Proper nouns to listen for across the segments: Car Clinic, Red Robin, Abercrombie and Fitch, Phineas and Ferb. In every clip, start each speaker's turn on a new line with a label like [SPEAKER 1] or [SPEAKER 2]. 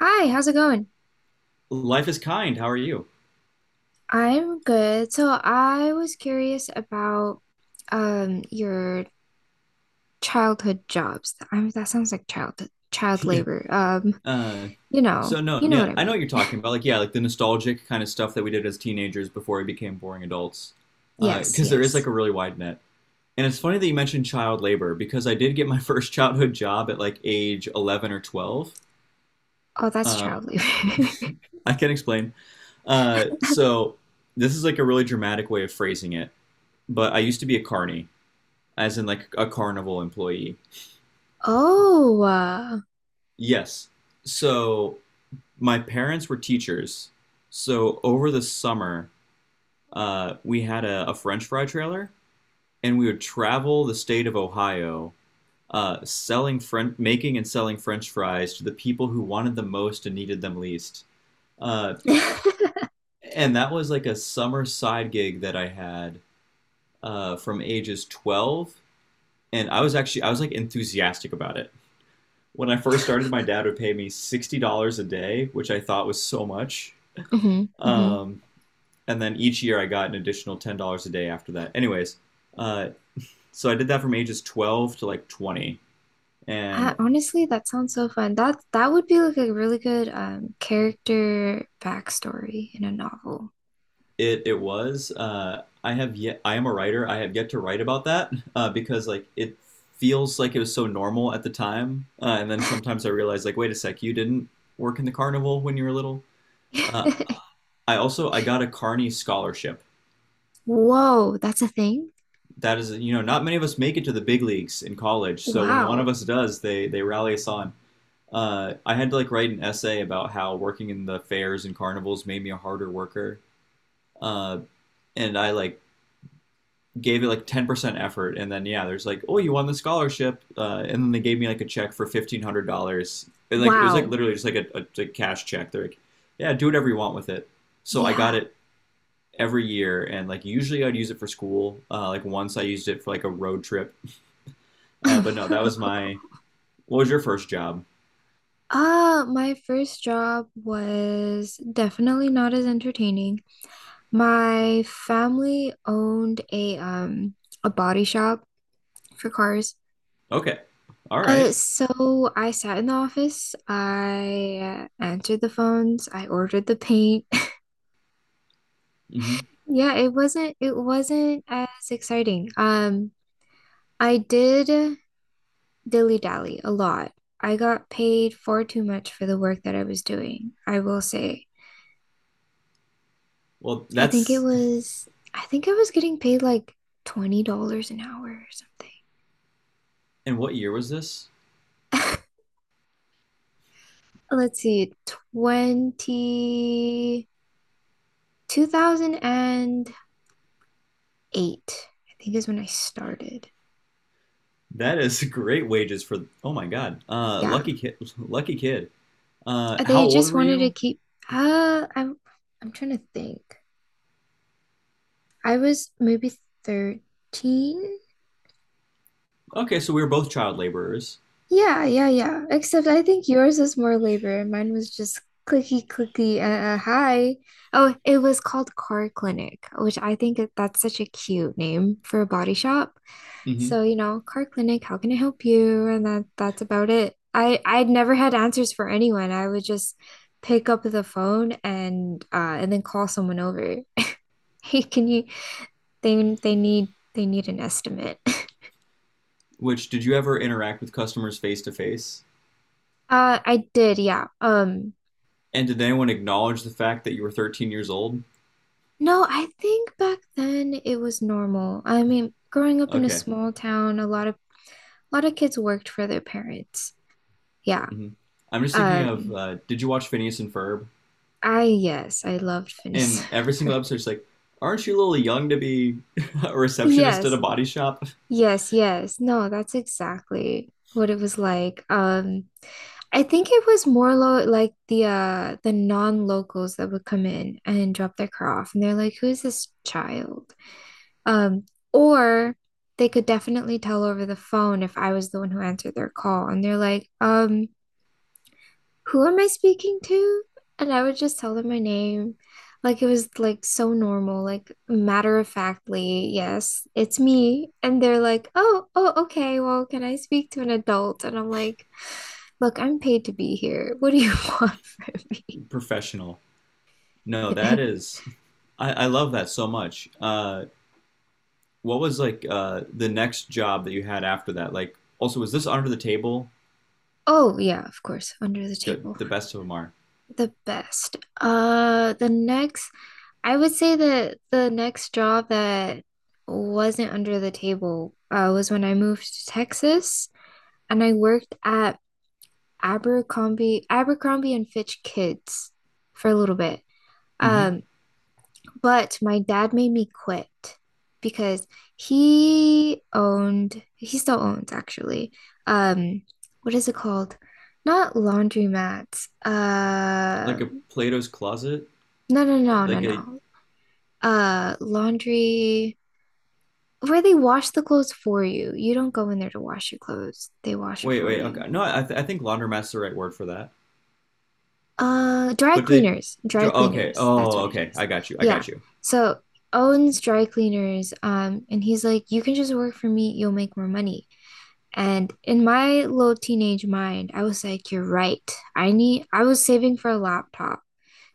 [SPEAKER 1] Hi, how's it going?
[SPEAKER 2] Life is kind. How are you?
[SPEAKER 1] I'm good. So I was curious about your childhood jobs. I mean, that sounds like childhood child
[SPEAKER 2] Yeah.
[SPEAKER 1] labor. Um,
[SPEAKER 2] Uh,
[SPEAKER 1] you
[SPEAKER 2] so
[SPEAKER 1] know,
[SPEAKER 2] no,
[SPEAKER 1] you know
[SPEAKER 2] yeah,
[SPEAKER 1] what I
[SPEAKER 2] I know
[SPEAKER 1] mean.
[SPEAKER 2] what you're talking about. Like, yeah, like the nostalgic kind of stuff that we did as teenagers before we became boring adults. Uh,
[SPEAKER 1] Yes,
[SPEAKER 2] Because there is like
[SPEAKER 1] yes.
[SPEAKER 2] a really wide net. And it's funny that you mentioned child labor because I did get my first childhood job at like age 11 or 12.
[SPEAKER 1] Oh, that's
[SPEAKER 2] Uh,
[SPEAKER 1] child labor.
[SPEAKER 2] I can explain. So this is like a really dramatic way of phrasing it, but I used to be a carny, as in like a carnival employee.
[SPEAKER 1] Oh,
[SPEAKER 2] Yes. So my parents were teachers, so over the summer, we had a French fry trailer, and we would travel the state of Ohio, selling French, making and selling French fries to the people who wanted them most and needed them least. Uh, and that was like a summer side gig that I had, from ages 12, and I was actually, I was like enthusiastic about it. When I first started, my dad would pay me $60 a day, which I thought was so much.
[SPEAKER 1] Hmm, hmm.
[SPEAKER 2] Um, and then each year I got an additional $10 a day after that. Anyways, uh, so I did that from ages 12 to like 20,
[SPEAKER 1] I,
[SPEAKER 2] and
[SPEAKER 1] honestly, that sounds so fun. That would be like a really good character backstory in a novel.
[SPEAKER 2] it was, I have yet I am a writer. I have yet to write about that, because like it feels like it was so normal at the time, and then sometimes I realize like wait a sec, you didn't work in the carnival when you were little. Uh, I also, I got a Carney scholarship.
[SPEAKER 1] Whoa, that's a thing?
[SPEAKER 2] That is, not many of us make it to the big leagues in college. So when one of
[SPEAKER 1] Wow.
[SPEAKER 2] us does, they rally us on. I had to like write an essay about how working in the fairs and carnivals made me a harder worker. Uh, and I like gave it like 10% effort. And then, yeah, there's like, oh, you won the scholarship. And then they gave me like a check for $1,500. And like, it was like
[SPEAKER 1] Wow.
[SPEAKER 2] literally just like a cash check. They're like, yeah, do whatever you want with it. So I got
[SPEAKER 1] Yeah.
[SPEAKER 2] it every year. And like, usually I'd use it for school. Like, once I used it for like a road trip. But no, that was my, what was your first job?
[SPEAKER 1] My first job was definitely not as entertaining. My family owned a body shop for cars.
[SPEAKER 2] Okay. All right.
[SPEAKER 1] So I sat in the office, I answered the phones, I ordered the paint.
[SPEAKER 2] Mm-hmm.
[SPEAKER 1] Yeah, it wasn't as exciting. I did dilly-dally a lot. I got paid far too much for the work that I was doing, I will say.
[SPEAKER 2] Well,
[SPEAKER 1] I think it
[SPEAKER 2] that's.
[SPEAKER 1] was, I think I was getting paid like $20 an hour or something.
[SPEAKER 2] And what year was this?
[SPEAKER 1] Let's see, twenty 2008. I think is when I started.
[SPEAKER 2] That is great wages for. Oh my God. Uh,
[SPEAKER 1] Yeah.
[SPEAKER 2] lucky kid. Lucky kid. How
[SPEAKER 1] They
[SPEAKER 2] old
[SPEAKER 1] just
[SPEAKER 2] were
[SPEAKER 1] wanted to
[SPEAKER 2] you?
[SPEAKER 1] keep, uh, I'm, I'm trying to think. I was maybe 13.
[SPEAKER 2] Okay, so we were both child laborers.
[SPEAKER 1] Yeah, yeah, yeah. Except I think yours was more labor and mine was just clicky clicky hi. Oh, it was called Car Clinic, which I think that's such a cute name for a body shop.
[SPEAKER 2] Hmm.
[SPEAKER 1] So, you know, Car Clinic, how can I help you? And that's about it. I'd never had answers for anyone. I would just pick up the phone and then call someone over. Hey, can you they need an estimate.
[SPEAKER 2] Which Did you ever interact with customers face to face?
[SPEAKER 1] I did, yeah.
[SPEAKER 2] And did anyone acknowledge the fact that you were 13 years old?
[SPEAKER 1] No, I think back then it was normal. I mean, growing up in a
[SPEAKER 2] Okay.
[SPEAKER 1] small town, a lot of kids worked for their parents. Yeah.
[SPEAKER 2] Mhm. I'm just thinking of.
[SPEAKER 1] Um,
[SPEAKER 2] Did you watch Phineas and Ferb?
[SPEAKER 1] I yes, I loved Phineas
[SPEAKER 2] And every
[SPEAKER 1] and
[SPEAKER 2] single
[SPEAKER 1] Ferb.
[SPEAKER 2] episode, it's like, aren't you a little young to be a receptionist at a
[SPEAKER 1] Yes.
[SPEAKER 2] body shop?
[SPEAKER 1] Yes, yes. No, that's exactly what it was like. I think it was more lo like the the non-locals that would come in and drop their car off and they're like, "Who is this child?" Um, or they could definitely tell over the phone if I was the one who answered their call. And they're like, who am I speaking to? And I would just tell them my name. Like it was like so normal, like matter of factly, yes, it's me. And they're like, oh, oh, okay, well, can I speak to an adult? And I'm like, look, I'm paid to be here. What do you want from
[SPEAKER 2] Professional. No,
[SPEAKER 1] me?
[SPEAKER 2] that is. I love that so much. What was like, the next job that you had after that? Like, also, was this under the table?
[SPEAKER 1] Oh, yeah, of course, under the
[SPEAKER 2] Good,
[SPEAKER 1] table.
[SPEAKER 2] the best of them are.
[SPEAKER 1] The best. I would say that the next job that wasn't under the table was when I moved to Texas and I worked at Abercrombie and Fitch Kids for a little bit.
[SPEAKER 2] Hmm.
[SPEAKER 1] Um, but my dad made me quit because he owned, he still owns actually. Um, what is it called? Not laundromats.
[SPEAKER 2] Like a Plato's closet.
[SPEAKER 1] No, no, no, no,
[SPEAKER 2] Like a
[SPEAKER 1] no. Laundry where they wash the clothes for you. You don't go in there to wash your clothes. They wash it
[SPEAKER 2] wait,
[SPEAKER 1] for
[SPEAKER 2] wait,
[SPEAKER 1] you.
[SPEAKER 2] okay, no, I think laundromat's the right word for that.
[SPEAKER 1] Dry
[SPEAKER 2] But they,
[SPEAKER 1] cleaners. Dry
[SPEAKER 2] okay,
[SPEAKER 1] cleaners. That's
[SPEAKER 2] oh,
[SPEAKER 1] what it
[SPEAKER 2] okay,
[SPEAKER 1] is.
[SPEAKER 2] I got you, I
[SPEAKER 1] Yeah.
[SPEAKER 2] got you.
[SPEAKER 1] So Owen's dry cleaners, and he's like, you can just work for me, you'll make more money. And in my little teenage mind, I was like, you're right. I was saving for a laptop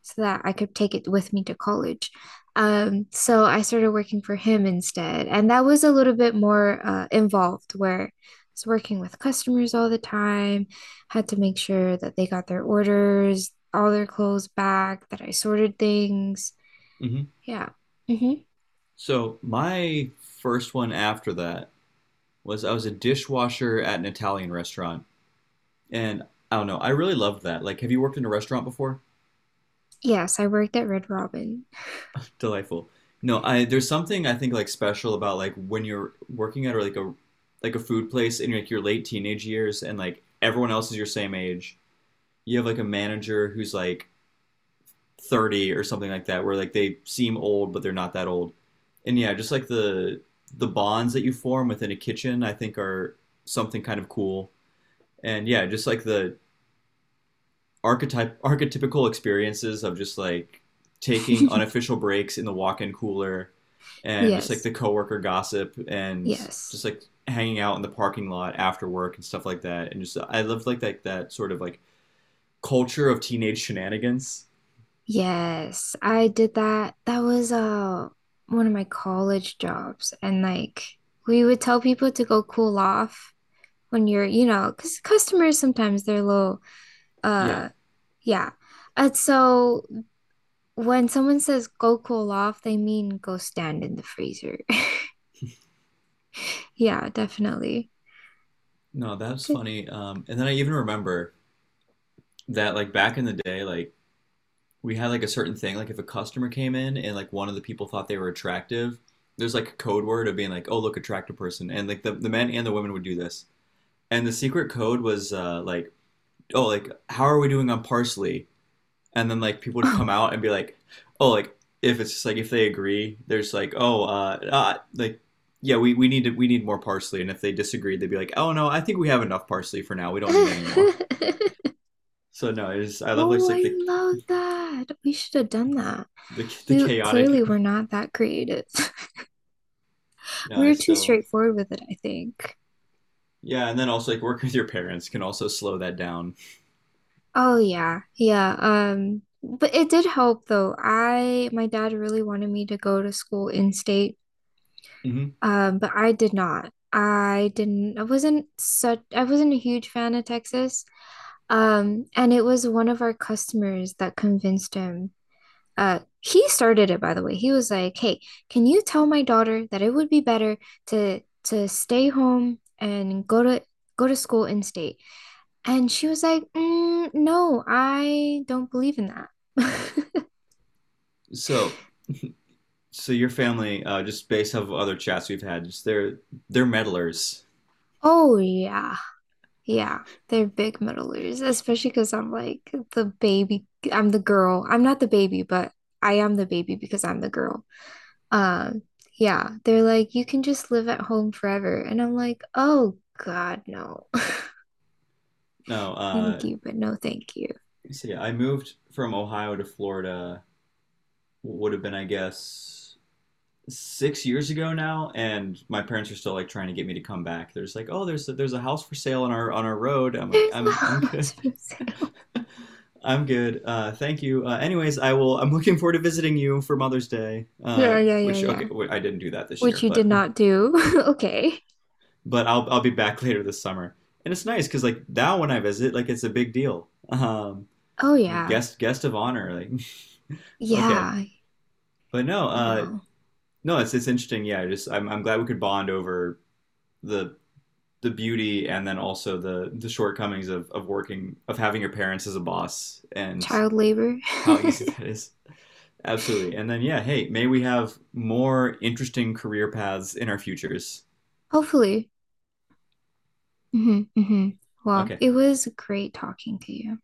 [SPEAKER 1] so that I could take it with me to college. So I started working for him instead. And that was a little bit more involved, where I was working with customers all the time, had to make sure that they got their orders, all their clothes back, that I sorted things.
[SPEAKER 2] Mm-hmm.
[SPEAKER 1] Yeah. Hmm.
[SPEAKER 2] So my first one after that was, I was a dishwasher at an Italian restaurant, and I don't know, I really loved that. Like, have you worked in a restaurant before?
[SPEAKER 1] Yes, I worked at Red Robin.
[SPEAKER 2] Delightful. No, I there's something I think like special about like when you're working at or like a food place in like your late teenage years, and like everyone else is your same age. You have like a manager who's like 30 or something like that, where like they seem old but they're not that old. And yeah, just like the bonds that you form within a kitchen, I think, are something kind of cool. And yeah, just like the archetype archetypical experiences of just like taking unofficial breaks in the walk-in cooler, and just like
[SPEAKER 1] Yes.
[SPEAKER 2] the coworker gossip, and
[SPEAKER 1] Yes.
[SPEAKER 2] just like hanging out in the parking lot after work and stuff like that. And just I loved like that sort of like culture of teenage shenanigans,
[SPEAKER 1] Yes, I did that. That was one of my college jobs and like we would tell people to go cool off when you're, you know, because customers sometimes they're a little
[SPEAKER 2] yeah.
[SPEAKER 1] uh yeah. And so when someone says go cool off, they mean go stand in the freezer. Yeah, definitely.
[SPEAKER 2] No, that's
[SPEAKER 1] Good.
[SPEAKER 2] funny. And then I even remember that, like back in the day, like we had like a certain thing, like if a customer came in and like one of the people thought they were attractive, there's like a code word of being like, oh look, attractive person. And like the men and the women would do this. And the secret code was like, oh, like, how are we doing on parsley? And then like people would
[SPEAKER 1] Oh.
[SPEAKER 2] come out and be like, oh, like, if it's just like if they agree, there's like, oh, like, yeah, we we need more parsley. And if they disagreed, they'd be like, oh no, I think we have enough parsley for now. We don't need any more. So no, I just, I love like,
[SPEAKER 1] Oh, I
[SPEAKER 2] the
[SPEAKER 1] love that. We should have done that. We
[SPEAKER 2] chaotic.
[SPEAKER 1] clearly were not that creative.
[SPEAKER 2] No, I
[SPEAKER 1] We're too
[SPEAKER 2] still.
[SPEAKER 1] straightforward with it, I think.
[SPEAKER 2] Yeah, and then also like working with your parents can also slow that down.
[SPEAKER 1] Oh yeah, yeah. But it did help though. I my dad really wanted me to go to school in state,
[SPEAKER 2] Mhm.
[SPEAKER 1] but I did not. I didn't. I wasn't such. I wasn't a huge fan of Texas. And it was one of our customers that convinced him. He started it by the way. He was like, "Hey, can you tell my daughter that it would be better to stay home and go to school in state?" And she was like, no, I don't believe in that.
[SPEAKER 2] So so your family, just based off of other chats we've had, just they're meddlers.
[SPEAKER 1] Oh, yeah. Yeah. They're big meddlers, especially because I'm like the baby. I'm the girl. I'm not the baby, but I am the baby because I'm the girl. Um, yeah. They're like, you can just live at home forever. And I'm like, oh, God, no.
[SPEAKER 2] No,
[SPEAKER 1] Thank you, but no, thank you.
[SPEAKER 2] so yeah, I moved from Ohio to Florida. Would have been, I guess, 6 years ago now, and my parents are still like trying to get me to come back. They're just like, oh, there's a house for sale on our road. I'm like,
[SPEAKER 1] There's a
[SPEAKER 2] I'm
[SPEAKER 1] house
[SPEAKER 2] good.
[SPEAKER 1] for sale.
[SPEAKER 2] I'm good. Thank you. Anyways, I will. I'm looking forward to visiting you for Mother's Day.
[SPEAKER 1] Yeah, yeah, yeah,
[SPEAKER 2] Which
[SPEAKER 1] yeah.
[SPEAKER 2] okay, wait, I didn't do that this
[SPEAKER 1] Which
[SPEAKER 2] year,
[SPEAKER 1] you did
[SPEAKER 2] but
[SPEAKER 1] not do. Okay.
[SPEAKER 2] but I'll be back later this summer. And it's nice because like now when I visit, like it's a big deal. Um,
[SPEAKER 1] Oh,
[SPEAKER 2] you
[SPEAKER 1] yeah.
[SPEAKER 2] guest of honor. Like okay,
[SPEAKER 1] Yeah.
[SPEAKER 2] but no,
[SPEAKER 1] Oh, well.
[SPEAKER 2] no, it's interesting. Yeah, I just, I'm glad we could bond over the beauty, and then also the shortcomings of working of having your parents as a boss, and
[SPEAKER 1] Child labor.
[SPEAKER 2] how easy that is. Absolutely. And then, yeah, hey, may we have more interesting career paths in our futures.
[SPEAKER 1] Hopefully. Hmm, hmm. Well,
[SPEAKER 2] Okay,
[SPEAKER 1] it was great talking to you.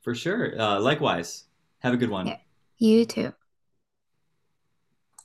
[SPEAKER 2] for sure. Likewise, have a good one.
[SPEAKER 1] Yeah, you too.